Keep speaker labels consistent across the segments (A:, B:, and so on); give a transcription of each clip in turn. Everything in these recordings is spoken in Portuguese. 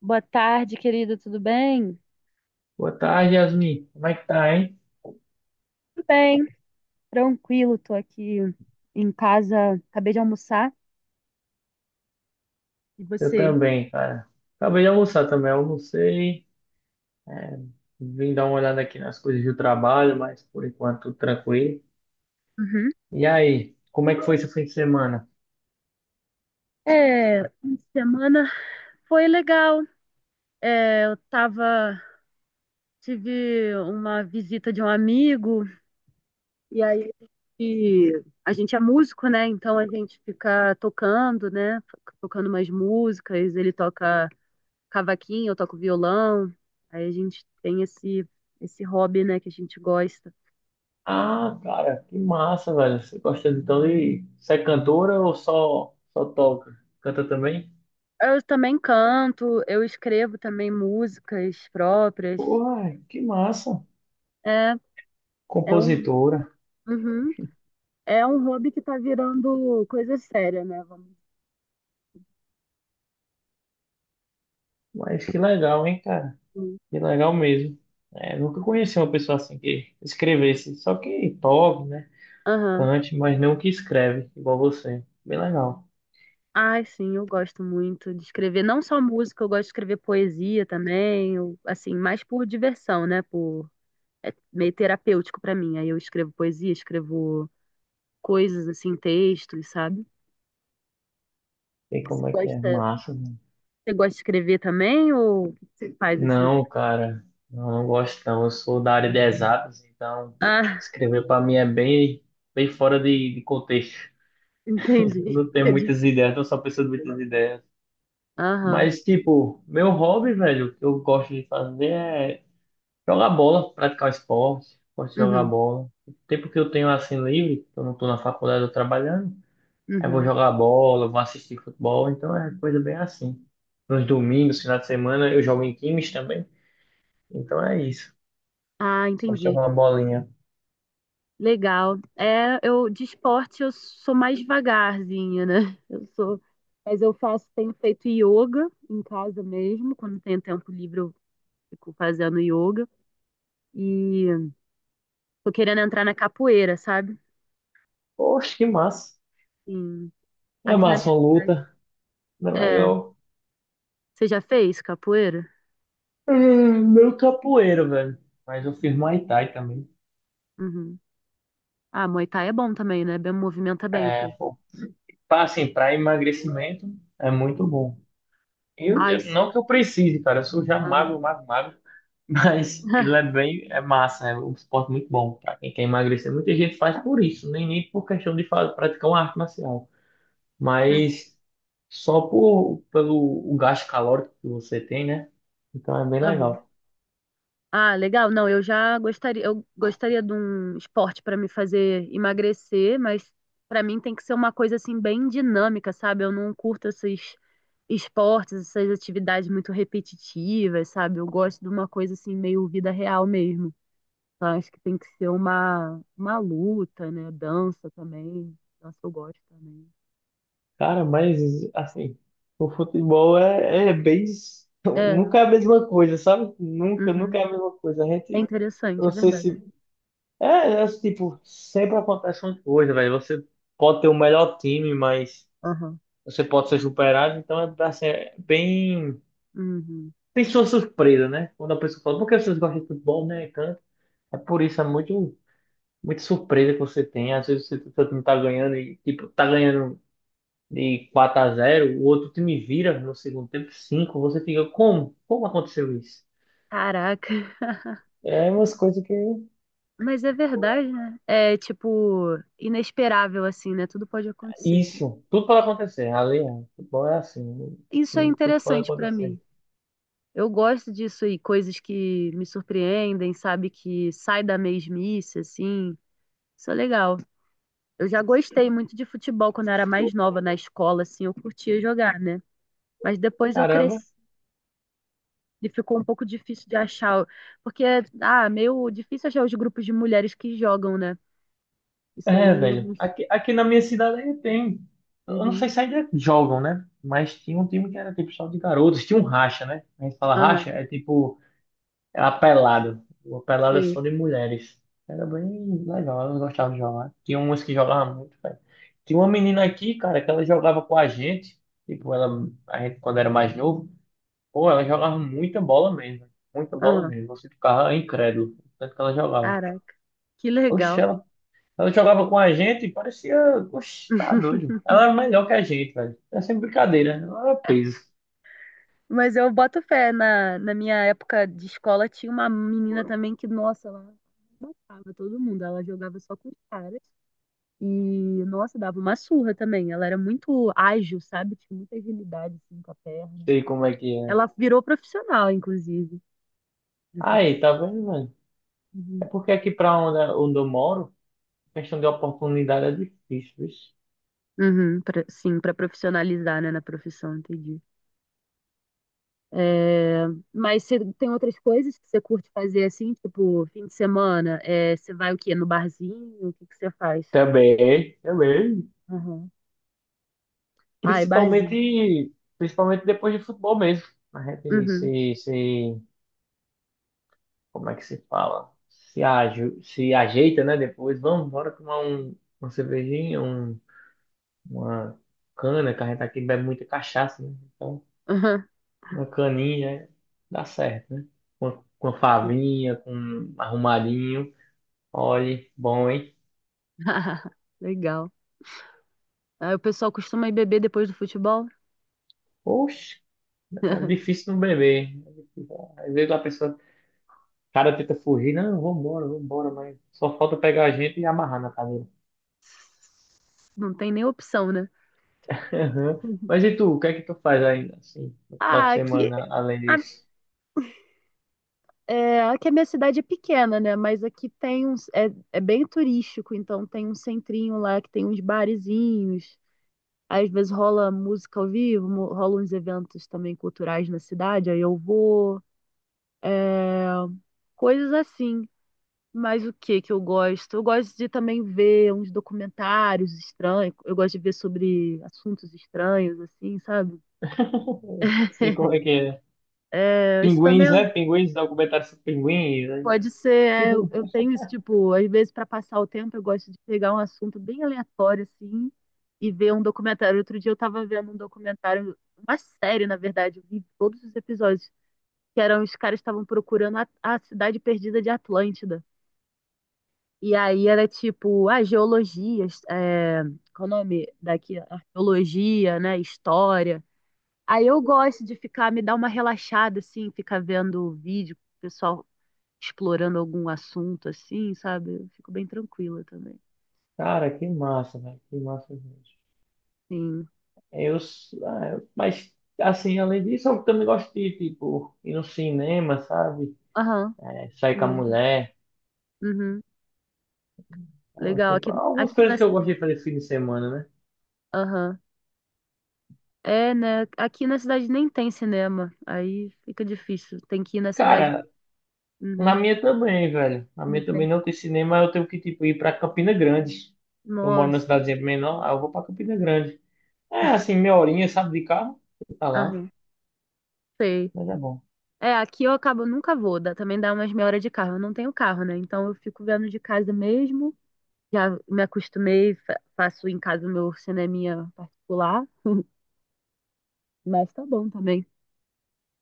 A: Boa tarde, querido, tudo bem?
B: Boa tarde, Yasmin. Como é que tá, hein?
A: Tudo bem, tranquilo, tô aqui em casa, acabei de almoçar. E
B: Eu
A: você?
B: também, cara. Acabei de almoçar também, almocei. é, Vim dar uma olhada aqui nas coisas do trabalho, mas por enquanto tranquilo.
A: Uhum.
B: E aí, como é que foi seu fim de semana?
A: É, fim de semana foi legal. É, eu tava, tive uma visita de um amigo, e aí e a gente é músico, né? Então a gente fica tocando, né? Tocando umas músicas, ele toca cavaquinho, eu toco violão. Aí a gente tem esse hobby, né, que a gente gosta.
B: Ah, cara, que massa, velho. Você gosta então de. Você é cantora ou só toca? Canta também?
A: Eu também canto, eu escrevo também músicas próprias.
B: Porra, que massa.
A: É, é um,
B: Compositora.
A: uhum. É um hobby que tá virando coisa séria, né? Vamos
B: Mas que legal, hein, cara?
A: dizer.
B: Que legal mesmo. É, nunca conheci uma pessoa assim que escrevesse, só que toque, né?
A: Aham.
B: Cante, mas não que escreve, igual você. Bem legal.
A: Ai, sim, eu gosto muito de escrever. Não só música, eu gosto de escrever poesia também. Assim, mais por diversão, né? É meio terapêutico pra mim. Aí eu escrevo poesia, escrevo coisas assim, textos, sabe?
B: Sei
A: Você
B: como é que é.
A: gosta,
B: Massa, mano.
A: você gosta de escrever também ou o que você faz assim?
B: Não, cara. Não, não gosto não. Eu sou da área de exatas, então
A: Ah,
B: escrever pra mim é bem fora de contexto. Eu
A: entendi.
B: não tenho muitas ideias, tô só pensando muitas ideias.
A: Aham.
B: Mas, tipo, meu hobby, velho, o que eu gosto de fazer é jogar bola, praticar esporte. Gosto de jogar
A: Uhum.
B: bola. O tempo que eu tenho assim livre, eu não tô na faculdade, eu tô trabalhando. Aí vou
A: Uhum.
B: jogar bola, vou assistir futebol, então é coisa bem assim. Nos domingos, final de semana, eu jogo em times também, então é isso.
A: Ah,
B: Só
A: entendi.
B: jogar uma bolinha.
A: Legal. É, eu de esporte eu sou mais devagarzinha, né? Eu sou, mas eu faço, tenho feito yoga em casa mesmo, quando tenho tempo livre eu fico fazendo yoga e tô querendo entrar na capoeira, sabe?
B: Poxa, que massa.
A: Sim.
B: É
A: Aqui na
B: massa
A: minha
B: uma
A: cidade.
B: luta, é
A: É,
B: legal.
A: você já fez capoeira?
B: É, meu capoeiro, velho. Mas eu fiz Muay Thai também.
A: Uhum. Ah, Muay Thai é bom também, né? Bem, movimenta bem o
B: É,
A: corpo.
B: pô, assim, pra emagrecimento é muito
A: Uhum.
B: bom.
A: Ai, sim.
B: Não que eu precise, cara, eu sou já
A: Aham.
B: magro, magro, magro. Mas ele é bem, é massa, é um esporte muito bom para quem quer emagrecer. Muita gente faz por isso, nem por questão de praticar uma arte marcial, mas só pelo o gasto calórico que você tem, né? Então é bem
A: Aham.
B: legal.
A: Ah, legal. Não, eu já gostaria de um esporte para me fazer emagrecer, mas para mim tem que ser uma coisa assim bem dinâmica, sabe? Eu não curto esses esportes, essas atividades muito repetitivas, sabe? Eu gosto de uma coisa assim meio vida real mesmo. Então, acho que tem que ser uma luta, né? Dança também. Dança eu gosto também.
B: Cara, mas assim, o futebol é, é bem.
A: É, né?
B: Nunca é a mesma coisa, sabe?
A: Uhum.
B: Nunca é a mesma coisa. A
A: É
B: gente,
A: interessante,
B: não
A: é
B: sei
A: verdade.
B: se. É, tipo, sempre acontece uma coisa, velho. Você pode ter o melhor time, mas.
A: Aham.
B: Você pode ser superado, então é, assim, é bem.
A: Uhum.
B: Tem sua surpresa, né? Quando a pessoa fala, por que vocês gostam de futebol, né? E tanto. É por isso, muito surpresa que você tem. Às vezes você, seu time tá ganhando e, tipo, tá ganhando de 4-0, o outro time vira no segundo tempo 5, você fica, como? Como aconteceu isso?
A: Caraca.
B: É umas coisas que.
A: Mas é verdade, né? É tipo inesperável assim, né? Tudo pode acontecer.
B: Isso, tudo pode acontecer. Ali, é, futebol é assim,
A: Isso é
B: tudo pode
A: interessante pra
B: acontecer.
A: mim. Eu gosto disso e coisas que me surpreendem, sabe? Que sai da mesmice, assim. Isso é legal. Eu já gostei muito de futebol quando eu era mais nova na escola, assim, eu curtia jogar, né? Mas depois eu
B: Caramba.
A: cresci e ficou um pouco difícil de achar, porque ah, meio difícil achar os grupos de mulheres que jogam, né? Isso
B: É,
A: aí, é-
B: velho. Aqui na minha cidade aí tem. Eu não
A: uhum,
B: sei se ainda jogam, né? Mas tinha um time que era tipo só de garotos. Tinha um racha, né? A gente fala
A: aham,
B: racha, é tipo. É a pelada. Uma pelada só
A: sim,
B: de mulheres. Era bem legal, elas gostavam de jogar. Tinha umas que jogavam muito, velho. Tinha uma menina aqui, cara, que ela jogava com a gente. Tipo, ela, a gente, quando era mais novo, pô, ela jogava muita bola mesmo. Muita bola
A: aham.
B: mesmo. Você ficava incrédulo. Tanto que ela jogava.
A: Caraca, que
B: Oxe,
A: legal.
B: ela jogava com a gente e parecia. Oxe, tá doido. Ela era melhor que a gente, velho. É sempre brincadeira. Né? Ela era peso.
A: Mas eu boto fé, na minha época de escola tinha uma menina também que, nossa, ela matava todo mundo, ela jogava só com os caras e, nossa, dava uma surra também. Ela era muito ágil, sabe? Tinha muita agilidade assim, com a perna.
B: Sei como é que é.
A: Ela virou profissional, inclusive, de futebol.
B: Aí, tá vendo, mano? É
A: Uhum.
B: porque aqui pra onde eu moro, questão de oportunidade é difícil, vixe.
A: Sim, para profissionalizar, né, na profissão, entendi. É, mas você tem outras coisas que você curte fazer assim, tipo, fim de semana? É, você vai o quê? No barzinho? O que que você faz?
B: Também, também.
A: Uhum. Ai, barzinho.
B: Principalmente depois de futebol mesmo. A gente
A: Uhum.
B: se, se, como é que se fala? Se ajeita, né? Depois, vamos, bora tomar uma cervejinha, uma cana, que a gente aqui bebe muita cachaça, né? Então,
A: Uhum.
B: uma caninha dá certo, né? Com a favinha, com um arrumadinho. Olhe, bom, hein?
A: Legal. Aí o pessoal costuma ir beber depois do futebol?
B: Poxa, é difícil não beber. É difícil. Às vezes a pessoa, o cara tenta fugir, não, vambora, vambora, mas só falta pegar a gente e amarrar na cadeira.
A: Não tem nem opção, né?
B: Aham.
A: Uhum.
B: Mas e tu, o que é que tu faz ainda, assim, no final
A: Ah,
B: de
A: aqui,
B: semana, além
A: a,
B: disso?
A: Aqui a minha cidade é pequena, né? Mas aqui tem é bem turístico, então tem um centrinho lá que tem uns barezinhos. Às vezes rola música ao vivo, rola uns eventos também culturais na cidade, aí eu vou, ah, coisas assim. Mas o que que eu gosto? Eu gosto de também ver uns documentários estranhos, eu gosto de ver sobre assuntos estranhos, assim, sabe?
B: Sei como é que é.
A: É, isso
B: Pinguins,
A: também
B: né? Pinguins, documentário sobre pinguins. Né?
A: pode ser, é, eu tenho isso, tipo, às vezes para passar o tempo eu gosto de pegar um assunto bem aleatório, assim, e ver um documentário. Outro dia eu tava vendo um documentário, uma série, na verdade, eu vi todos os episódios que eram os caras que estavam procurando a cidade perdida de Atlântida. E aí era tipo, a geologia, é, qual é o nome daqui? Arqueologia, né? História. Aí eu gosto de ficar, me dar uma relaxada, assim, ficar vendo vídeo, pessoal explorando algum assunto, assim, sabe? Eu fico bem tranquila também.
B: Cara, que massa, velho. Que massa mesmo.
A: Sim.
B: Eu, s- ah, eu- Mas, assim, além disso, eu também gosto de, tipo, ir no cinema, sabe?
A: Aham.
B: É, sair com
A: Sim,
B: a
A: é legal.
B: mulher.
A: Uhum.
B: Então,
A: Legal.
B: assim,
A: Aqui,
B: algumas
A: aqui na
B: coisas que eu gosto
A: cidade.
B: de fazer fim de semana, né?
A: Aham. É, né? Aqui na cidade nem tem cinema. Aí fica difícil. Tem que ir na cidade.
B: Cara,
A: Uhum.
B: na minha também, velho. Na minha
A: Ok.
B: também não tem cinema, eu tenho que, tipo, ir pra Campina Grande. Eu moro numa
A: Nossa,
B: cidadezinha menor, aí eu vou pra Campina Grande. É, assim, meia horinha, sabe, de carro. Tá lá.
A: ah, sei.
B: Mas é bom.
A: É, aqui eu acabo, nunca vou, dá- também dá umas meia hora de carro. Eu não tenho carro, né? Então eu fico vendo de casa mesmo. Já me acostumei, faço em casa o meu cineminha particular, mas tá bom também.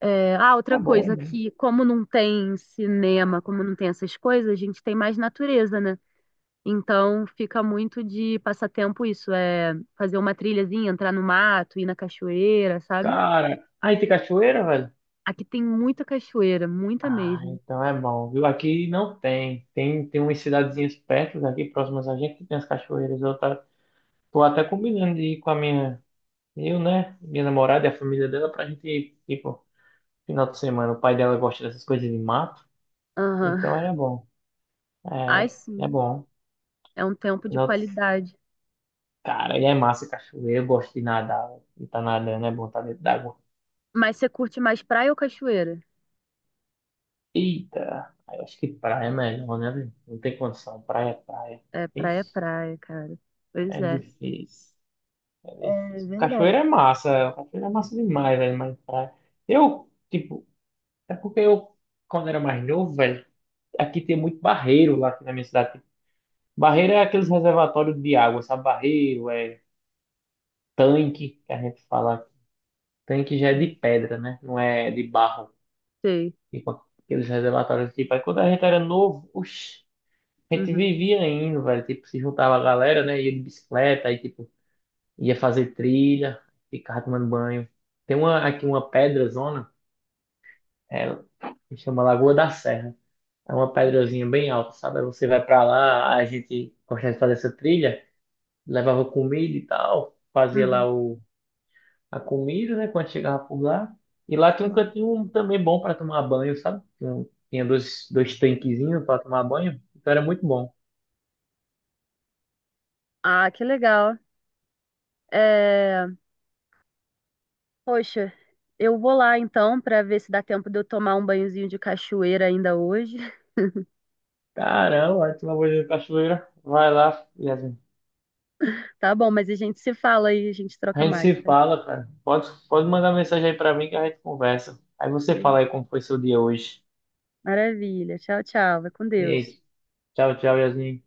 A: É, ah, outra
B: Tá bom, é
A: coisa
B: bom.
A: que, como não tem cinema, como não tem essas coisas, a gente tem mais natureza, né? Então fica muito de passatempo isso, é fazer uma trilhazinha, entrar no mato, ir na cachoeira, sabe?
B: Cara, aí tem cachoeira, velho?
A: Aqui tem muita cachoeira, muita
B: Ah,
A: mesmo.
B: então é bom, viu? Aqui não tem. Tem umas cidadezinhas perto daqui, próximas a gente, que tem as cachoeiras. Tô até combinando de ir com a minha, eu, né? Minha namorada e a família dela pra gente ir, tipo, final de semana. O pai dela gosta dessas coisas de mato,
A: Aham.
B: então é bom.
A: Ai,
B: É, é
A: sim.
B: bom.
A: É um tempo de
B: Final de-
A: qualidade.
B: Cara, e é massa cachoeira. Eu gosto de nadar, e tá nadando, é bom estar dentro d'água.
A: Mas você curte mais praia ou cachoeira?
B: Eita, aí eu acho que praia é melhor, né? Velho? Não tem condição, praia é praia.
A: É
B: Ixi,
A: praia, cara. Pois
B: é
A: é.
B: difícil. É
A: É
B: difícil.
A: verdade.
B: Cachoeira é massa demais, velho, mas praia. Eu, tipo, é porque eu, quando era mais novo, velho, aqui tem muito barreiro lá aqui na minha cidade. Barreiro é aqueles reservatórios de água, sabe? Barreiro é tanque, que a gente fala. Tanque já é de
A: Uhum.
B: pedra, né? Não é de barro.
A: Sei.
B: Tipo, aqueles reservatórios, tipo, aí quando a gente era novo, oxi, a gente
A: Uhum.
B: vivia indo, velho, tipo, se juntava a galera, né? Ia de bicicleta, aí, tipo, ia fazer trilha, ficava tomando banho. Tem uma, aqui uma pedra é, se chama Lagoa da Serra. É uma pedrazinha bem alta, sabe? Aí você vai pra lá, a gente gostava de fazer essa trilha, levava comida e tal, fazia
A: Uhum.
B: lá a comida, né? Quando chegava por lá. E lá tem um
A: Uhum.
B: cantinho também bom pra tomar banho, sabe? Tinha dois tanquezinhos pra tomar banho, então era muito bom.
A: Ah, que legal. É... Poxa, eu vou lá então pra ver se dá tempo de eu tomar um banhozinho de cachoeira ainda hoje.
B: Caramba, aí tu vai ver a cachoeira, vai lá, Yasmin.
A: Tá bom, mas a gente se fala aí, a gente
B: A
A: troca
B: gente
A: mais.
B: se
A: Tá?
B: fala, cara. Pode mandar mensagem aí pra mim que a gente conversa. Aí você
A: Beleza.
B: fala aí como foi seu dia hoje.
A: Maravilha. Tchau, tchau. Vai com
B: E
A: Deus.
B: aí, tchau, tchau, Yasmin.